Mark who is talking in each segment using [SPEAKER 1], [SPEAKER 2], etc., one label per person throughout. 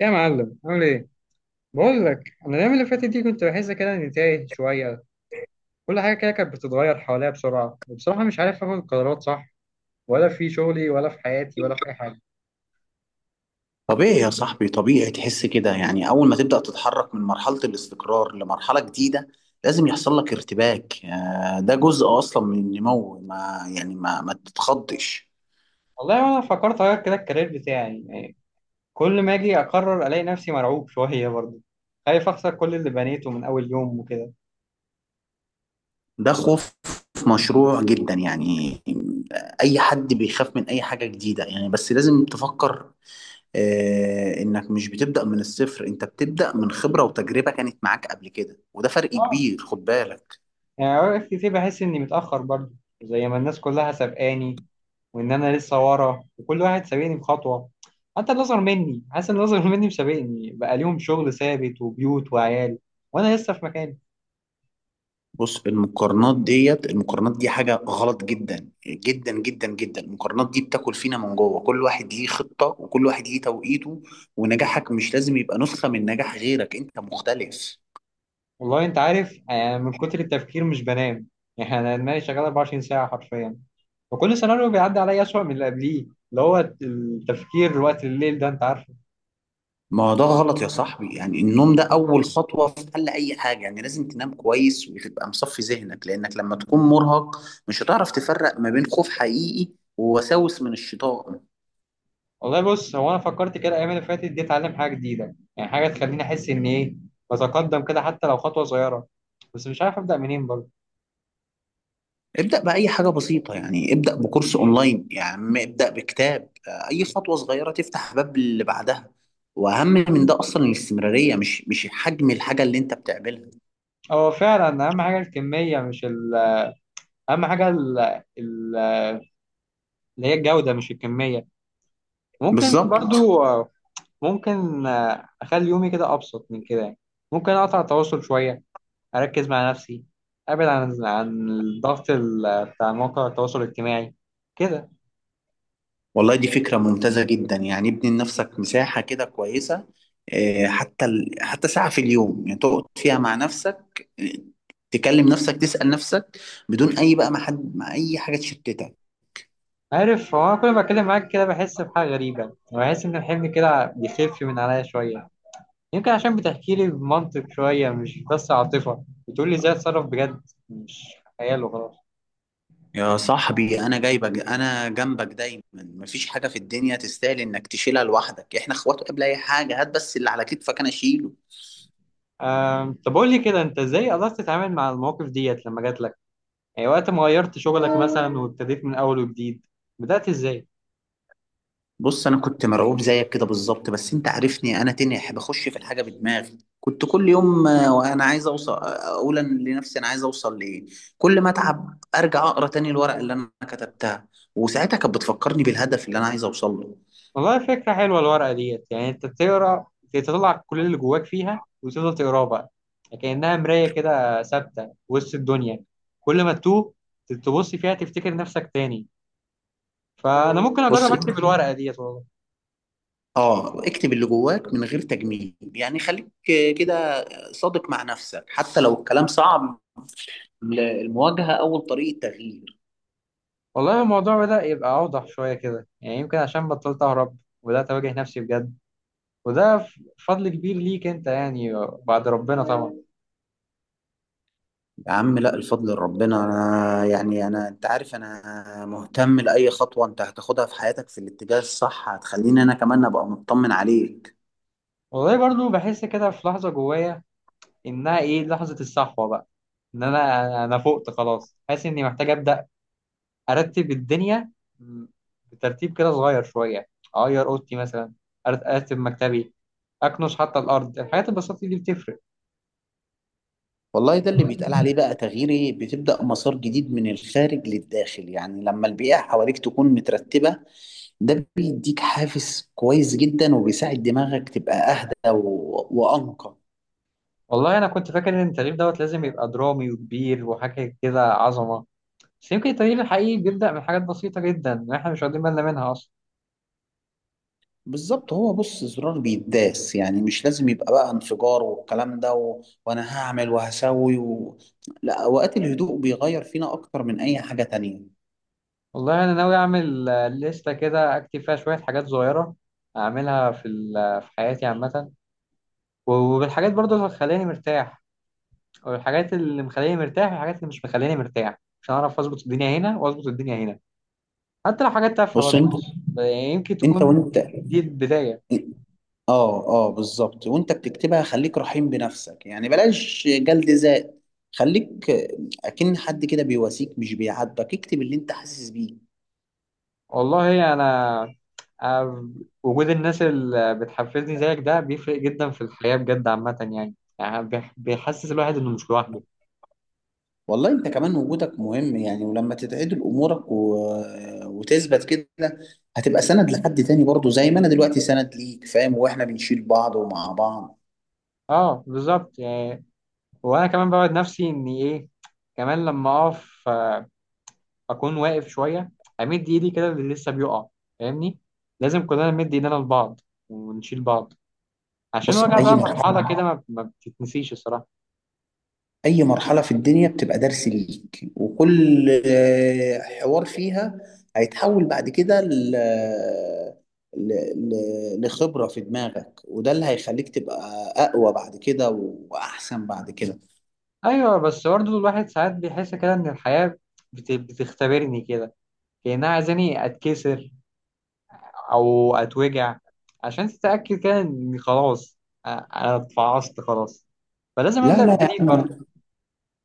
[SPEAKER 1] إيه يا معلم عامل ايه؟ بقول لك انا الايام اللي فاتت دي كنت بحس كده اني تايه شويه. كل حاجه كده كانت بتتغير حواليا بسرعه، وبصراحه مش عارف اخد قرارات صح، ولا في شغلي ولا في حياتي ولا في اي حاجه.
[SPEAKER 2] طبيعي يا صاحبي، طبيعي تحس كده. يعني أول ما تبدأ تتحرك من مرحلة الاستقرار لمرحلة جديدة لازم يحصل لك ارتباك. ده جزء أصلا من النمو، ما يعني ما ما تتخضش.
[SPEAKER 1] والله انا فكرت اغير كده الكارير بتاعي يعني، كل ما اجي اقرر الاقي نفسي مرعوب شويه برضه، خايف اخسر كل اللي بنيته من اول يوم وكده.
[SPEAKER 2] ده خوف مشروع جدا. يعني أي حد بيخاف من أي حاجة جديدة، يعني بس لازم تفكر. إنك مش بتبدأ من الصفر، أنت بتبدأ من خبرة وتجربة كانت معاك قبل كده، وده فرق
[SPEAKER 1] اه،
[SPEAKER 2] كبير، خد بالك.
[SPEAKER 1] يعني اوقات كتير بحس اني متأخر برضه، زي ما الناس كلها سابقاني، وان انا لسه ورا وكل واحد سابقني بخطوة. حتى اللي اصغر مني، حاسس ان اللي اصغر مني مسابقني، بقى ليهم شغل ثابت وبيوت وعيال، وانا لسه في مكاني.
[SPEAKER 2] بص، المقارنات دي حاجة غلط جدا جدا جدا جدا. المقارنات دي بتاكل فينا من جوه. كل واحد ليه خطة وكل واحد ليه توقيته، ونجاحك مش لازم يبقى نسخة من نجاح غيرك، انت مختلف.
[SPEAKER 1] والله انت عارف، يعني من كتر التفكير مش بنام. يعني انا دماغي شغالة 24 ساعة حرفيا، وكل سيناريو بيعدي عليا اسوأ من اللي قبليه، اللي هو التفكير وقت الليل ده انت عارف.
[SPEAKER 2] ما ده غلط يا صاحبي. يعني النوم ده أول خطوة في حل أي حاجة، يعني لازم تنام كويس وتبقى مصفي ذهنك، لأنك لما تكون مرهق مش هتعرف تفرق ما بين خوف حقيقي ووساوس من الشيطان.
[SPEAKER 1] والله بص، هو انا فكرت كده الايام اللي فاتت دي اتعلم حاجه جديده، يعني حاجه تخليني احس ان ايه، بتقدم كده حتى لو خطوه صغيره، بس مش عارف ابدا منين برضه.
[SPEAKER 2] ابدأ بأي حاجة بسيطة، يعني ابدأ بكورس أونلاين، يعني ابدأ بكتاب. أي خطوة صغيرة تفتح باب اللي بعدها. وأهم من ده أصلا الاستمرارية، مش حجم الحاجة اللي أنت بتعملها.
[SPEAKER 1] هو فعلا اهم حاجه الكميه مش اهم حاجه ال... اللي هي الجوده مش الكميه. ممكن
[SPEAKER 2] بالظبط.
[SPEAKER 1] برضو، ممكن اخلي يومي كده ابسط من كده يعني. ممكن اقطع التواصل شويه، اركز مع نفسي، ابعد عن الضغط بتاع مواقع التواصل الاجتماعي كده.
[SPEAKER 2] والله دي فكرة ممتازة جدا. يعني ابني لنفسك مساحة كده كويسة. حتى ساعة في اليوم، يعني تقعد فيها مع نفسك، تكلم نفسك، تسأل نفسك، بدون أي بقى، ما حد، ما أي حاجة تشتتك.
[SPEAKER 1] عارف هو أنا كل ما أتكلم معاك كده بحس بحاجة غريبة، وبحس إن الحمل كده بيخف من عليا شوية. يمكن عشان بتحكي لي بمنطق شوية مش بس عاطفة، بتقول لي إزاي أتصرف بجد، مش خيال وخلاص.
[SPEAKER 2] يا صاحبي انا جايبك، انا جنبك دايما. مفيش حاجه في الدنيا تستاهل انك تشيلها لوحدك. احنا اخوات قبل اي حاجه. هات بس اللي على كتفك انا اشيله.
[SPEAKER 1] طب قول لي كده أنت إزاي قدرت تتعامل مع المواقف ديت لما جات لك؟ يعني وقت ما غيرت شغلك مثلا وابتديت من أول وجديد، بدأت إزاي؟
[SPEAKER 2] بص انا كنت مرعوب زيك كده بالظبط. بس انت عارفني، انا تنح، بخش في الحاجه بدماغي. كنت كل يوم وانا عايز اوصل، اقول أنا لنفسي انا عايز اوصل لايه. كل ما اتعب ارجع اقرا تاني الورق اللي انا كتبتها، وساعتها كانت بتفكرني بالهدف اللي انا عايز اوصل له.
[SPEAKER 1] والله فكرة حلوة الورقة ديت، يعني انت بتقرا تطلع كل اللي جواك فيها وتفضل تقراه بقى، كأنها مراية كده ثابتة وسط الدنيا، كل ما تتوه تبص فيها تفتكر نفسك تاني. فأنا ممكن
[SPEAKER 2] بص،
[SPEAKER 1] أجرب أكتب الورقة ديت والله.
[SPEAKER 2] اه، اكتب اللي جواك من غير تجميل. يعني خليك كده صادق مع نفسك، حتى لو الكلام صعب. المواجهة أول طريقة تغيير.
[SPEAKER 1] والله الموضوع بدأ يبقى أوضح شوية كده، يعني يمكن عشان بطلت أهرب وبدأت أواجه نفسي بجد. وده ف- فضل كبير ليك أنت يعني، بعد ربنا طبعا.
[SPEAKER 2] يا عم لا، الفضل لربنا. أنا يعني أنا أنت عارف، أنا مهتم لأي خطوة أنت هتاخدها في حياتك في الاتجاه الصح. هتخليني أنا كمان أبقى مطمن عليك.
[SPEAKER 1] والله برضو بحس كده في لحظة جوايا، إنها إيه لحظة الصحوة بقى. ان انا فقت خلاص، حاسس اني محتاج ابدا ارتب الدنيا، بترتيب كده صغير شويه. اغير اوضتي مثلا، ارتب مكتبي، اكنس حتى الارض. الحاجات البسيطه دي بتفرق.
[SPEAKER 2] والله ده اللي بيتقال عليه بقى، تغييري بتبدأ مسار جديد من الخارج للداخل. يعني لما البيئة حواليك تكون مترتبة، ده بيديك حافز كويس جدا وبيساعد دماغك تبقى أهدى وأنقى.
[SPEAKER 1] والله انا كنت فاكر ان التغيير دوت لازم يبقى درامي وكبير وحاجه كده عظمه، بس يمكن التغيير الحقيقي بيبدا من حاجات بسيطه جدا احنا مش واخدين بالنا منها اصلا.
[SPEAKER 2] بالظبط. هو بص، زرار بيداس. يعني مش لازم يبقى بقى انفجار والكلام ده وأنا هعمل وهسوي لا، أوقات الهدوء بيغير فينا أكتر من أي حاجة تانية.
[SPEAKER 1] والله انا ناوي اعمل لستة كده اكتب فيها شويه حاجات صغيره، اعملها في حياتي عامه. وبالحاجات برضو اللي هتخليني مرتاح، والحاجات اللي مخليني مرتاح والحاجات اللي مش مخليني مرتاح، عشان اعرف اظبط الدنيا هنا واظبط الدنيا هنا، حتى لو حاجات تافهه
[SPEAKER 2] بص
[SPEAKER 1] برضه.
[SPEAKER 2] أنت
[SPEAKER 1] ب- يمكن
[SPEAKER 2] أنت
[SPEAKER 1] تكون
[SPEAKER 2] وأنت،
[SPEAKER 1] دي البدايه.
[SPEAKER 2] اه اه، بالظبط. وانت بتكتبها، خليك رحيم بنفسك، يعني بلاش جلد ذات. خليك اكن حد كده بيواسيك، مش بيعاتبك. اكتب اللي انت حاسس بيه.
[SPEAKER 1] والله انا أنا وجود الناس اللي بتحفزني زيك ده بيفرق جدا في الحياه بجد عامه يعني، يعني بيحسس الواحد انه مش لوحده.
[SPEAKER 2] والله انت كمان وجودك مهم. يعني ولما تتعدل امورك وتثبت كده، هتبقى سند لحد تاني برضه، زي ما انا دلوقتي سند ليك. فاهم، واحنا بنشيل بعض ومع بعض.
[SPEAKER 1] اه بالظبط يعني، وانا كمان بوعد نفسي اني ايه، كمان لما اقف اكون واقف شويه، امد ايدي كده اللي لسه بيقع، فاهمني. لازم كلنا نمد ايدينا لبعض ونشيل بعض، عشان
[SPEAKER 2] بص،
[SPEAKER 1] الوجع
[SPEAKER 2] اي
[SPEAKER 1] ده
[SPEAKER 2] مرحله
[SPEAKER 1] مرحله كده ما بتتنسيش الصراحه.
[SPEAKER 2] أي مرحلة في الدنيا بتبقى درس ليك، وكل حوار فيها هيتحول بعد كده ل... لخبرة في دماغك. وده اللي هيخليك تبقى أقوى بعد كده وأحسن بعد كده.
[SPEAKER 1] ايوه، بس برضه الواحد ساعات بيحس كده ان الحياه بتختبرني كده، كانها عايزاني اتكسر او اتوجع، عشان تتاكد كده اني خلاص، انا اتفعصت خلاص، فلازم
[SPEAKER 2] لا
[SPEAKER 1] ابدا من
[SPEAKER 2] لا يا
[SPEAKER 1] جديد
[SPEAKER 2] عم،
[SPEAKER 1] برضه.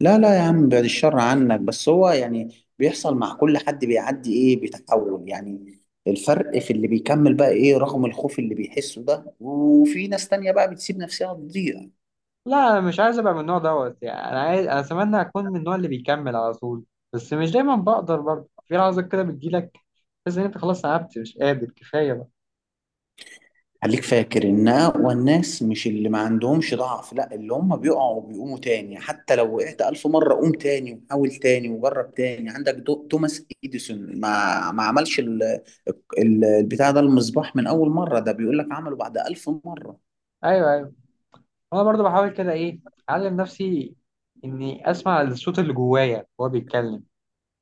[SPEAKER 2] لا لا يا عم، بعد الشر عنك. بس هو يعني بيحصل مع كل حد، بيعدي، إيه، بيتحول. يعني الفرق في اللي بيكمل بقى، إيه رغم الخوف اللي بيحسه ده، وفي ناس تانية بقى بتسيب نفسها تضيع.
[SPEAKER 1] لا، انا مش عايز ابقى من النوع دوت يعني، انا عايز، انا اتمنى اكون من النوع اللي بيكمل على طول. بس مش دايما بقدر برضه، في لحظات كده بتجيلك بس ان انت خلاص تعبت، مش قادر كفايه بقى.
[SPEAKER 2] خليك فاكر ان اقوى الناس مش اللي ما عندهمش ضعف، لا اللي هم بيقعوا وبيقوموا تاني. حتى لو وقعت 1000 مرة، قوم تاني وحاول تاني وجرب تاني. عندك توماس إديسون، ما عملش البتاع ده، المصباح، من أول مرة. ده بيقول لك عمله بعد 1000 مرة.
[SPEAKER 1] ايوه ايوه، انا برضه بحاول كده ايه، اعلم نفسي اني اسمع الصوت اللي جوايا وهو بيتكلم،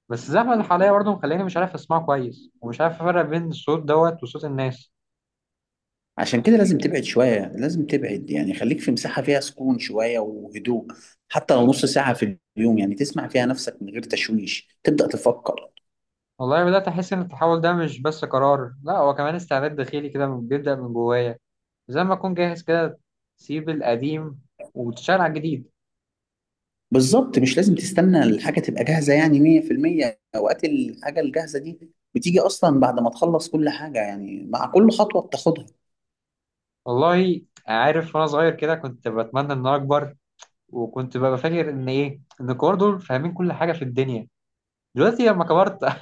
[SPEAKER 1] بس الزحمه اللي حواليا برضه مخليني مش عارف اسمعه كويس، ومش عارف افرق بين الصوت دوت وصوت الناس.
[SPEAKER 2] عشان كده لازم تبعد شوية، لازم تبعد. يعني خليك في مساحة فيها سكون شوية وهدوء. حتى لو نص ساعة في اليوم، يعني تسمع فيها نفسك من غير تشويش، تبدأ تفكر.
[SPEAKER 1] والله بدات احس ان التحول ده مش بس قرار، لا هو كمان استعداد داخلي كده بيبدا من جوايا، زي ما اكون جاهز كده تسيب القديم وتشتغل على الجديد.
[SPEAKER 2] بالظبط. مش لازم تستنى الحاجة تبقى جاهزة يعني 100%. أوقات الحاجة الجاهزة دي بتيجي أصلا بعد ما تخلص كل حاجة، يعني مع كل خطوة بتاخدها.
[SPEAKER 1] والله عارف، وانا صغير كده كنت بتمنى ان انا اكبر، وكنت ببقى فاكر ان ايه، ان الكبار دول فاهمين كل حاجه في الدنيا. دلوقتي لما كبرت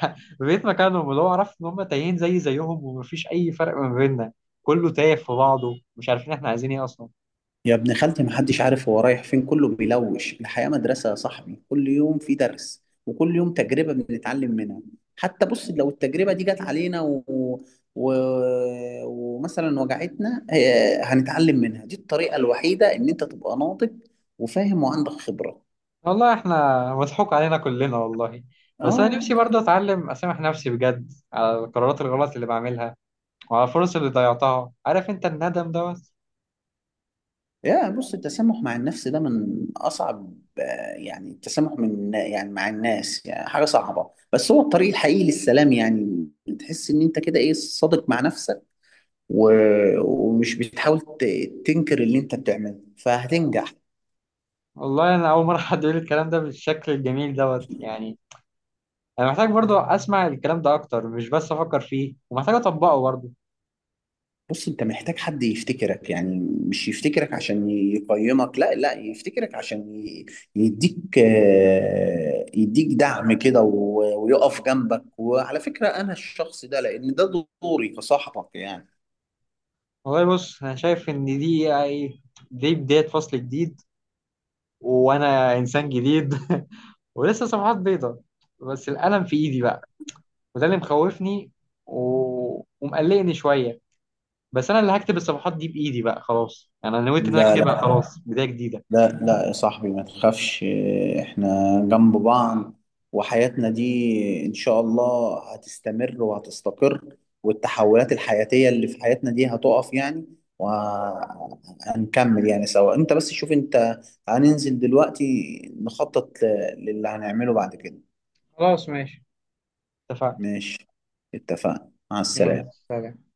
[SPEAKER 1] بقيت مكانهم، اللي هو عرفت ان هم تايهين زيهم ومفيش اي فرق ما بيننا، كله تايه في بعضه مش عارفين احنا عايزين ايه اصلا.
[SPEAKER 2] يا ابن خالتي، محدش عارف هو رايح فين، كله بيلوش. الحياة مدرسة يا صاحبي. كل يوم في درس وكل يوم تجربة بنتعلم منها. حتى بص لو التجربة دي جت علينا و... ومثلا وجعتنا، هنتعلم منها. دي الطريقة الوحيدة إن أنت تبقى ناضج وفاهم وعندك خبرة.
[SPEAKER 1] والله احنا مضحوك علينا كلنا والله. بس انا
[SPEAKER 2] اه.
[SPEAKER 1] نفسي برضه اتعلم اسامح نفسي بجد على القرارات الغلط اللي بعملها، وعلى الفرص اللي ضيعتها، عارف انت الندم دوت.
[SPEAKER 2] يا بص، التسامح مع النفس ده من أصعب، آه، يعني التسامح يعني مع الناس يعني حاجة صعبة، بس هو الطريق الحقيقي للسلام. يعني تحس إن أنت كده إيه صادق مع نفسك، و... ومش بتحاول تنكر اللي أنت بتعمله، فهتنجح.
[SPEAKER 1] والله انا اول مره حد يقول الكلام ده بالشكل الجميل دوت يعني. انا محتاج برضو اسمع الكلام ده اكتر، مش بس افكر فيه، ومحتاج اطبقه برضو.
[SPEAKER 2] بص انت محتاج حد يفتكرك. يعني مش يفتكرك عشان يقيمك، لا لا، يفتكرك عشان يديك، يديك دعم كده ويقف جنبك. وعلى فكرة انا الشخص ده، لان ده دوري كصاحبك يعني.
[SPEAKER 1] والله بص، انا شايف ان دي، دي بدايه فصل جديد، وانا انسان جديد ولسه صفحات بيضاء، بس القلم في ايدي بقى، وده اللي مخوفني و... ومقلقني شويه. بس انا اللي هكتب الصفحات دي بايدي بقى خلاص، يعني انا نويت ان انا
[SPEAKER 2] لا
[SPEAKER 1] اكتبها،
[SPEAKER 2] لا،
[SPEAKER 1] خلاص بدايه جديده.
[SPEAKER 2] لا لا يا صاحبي، ما تخافش. احنا جنب بعض، وحياتنا دي ان شاء الله هتستمر وهتستقر. والتحولات الحياتية اللي في حياتنا دي هتقف يعني، وهنكمل يعني سوا. انت بس شوف، انت هننزل دلوقتي نخطط للي هنعمله بعد كده.
[SPEAKER 1] خلاص ماشي، اتفقنا.
[SPEAKER 2] ماشي، اتفقنا، مع
[SPEAKER 1] يلا
[SPEAKER 2] السلامة.
[SPEAKER 1] سلام.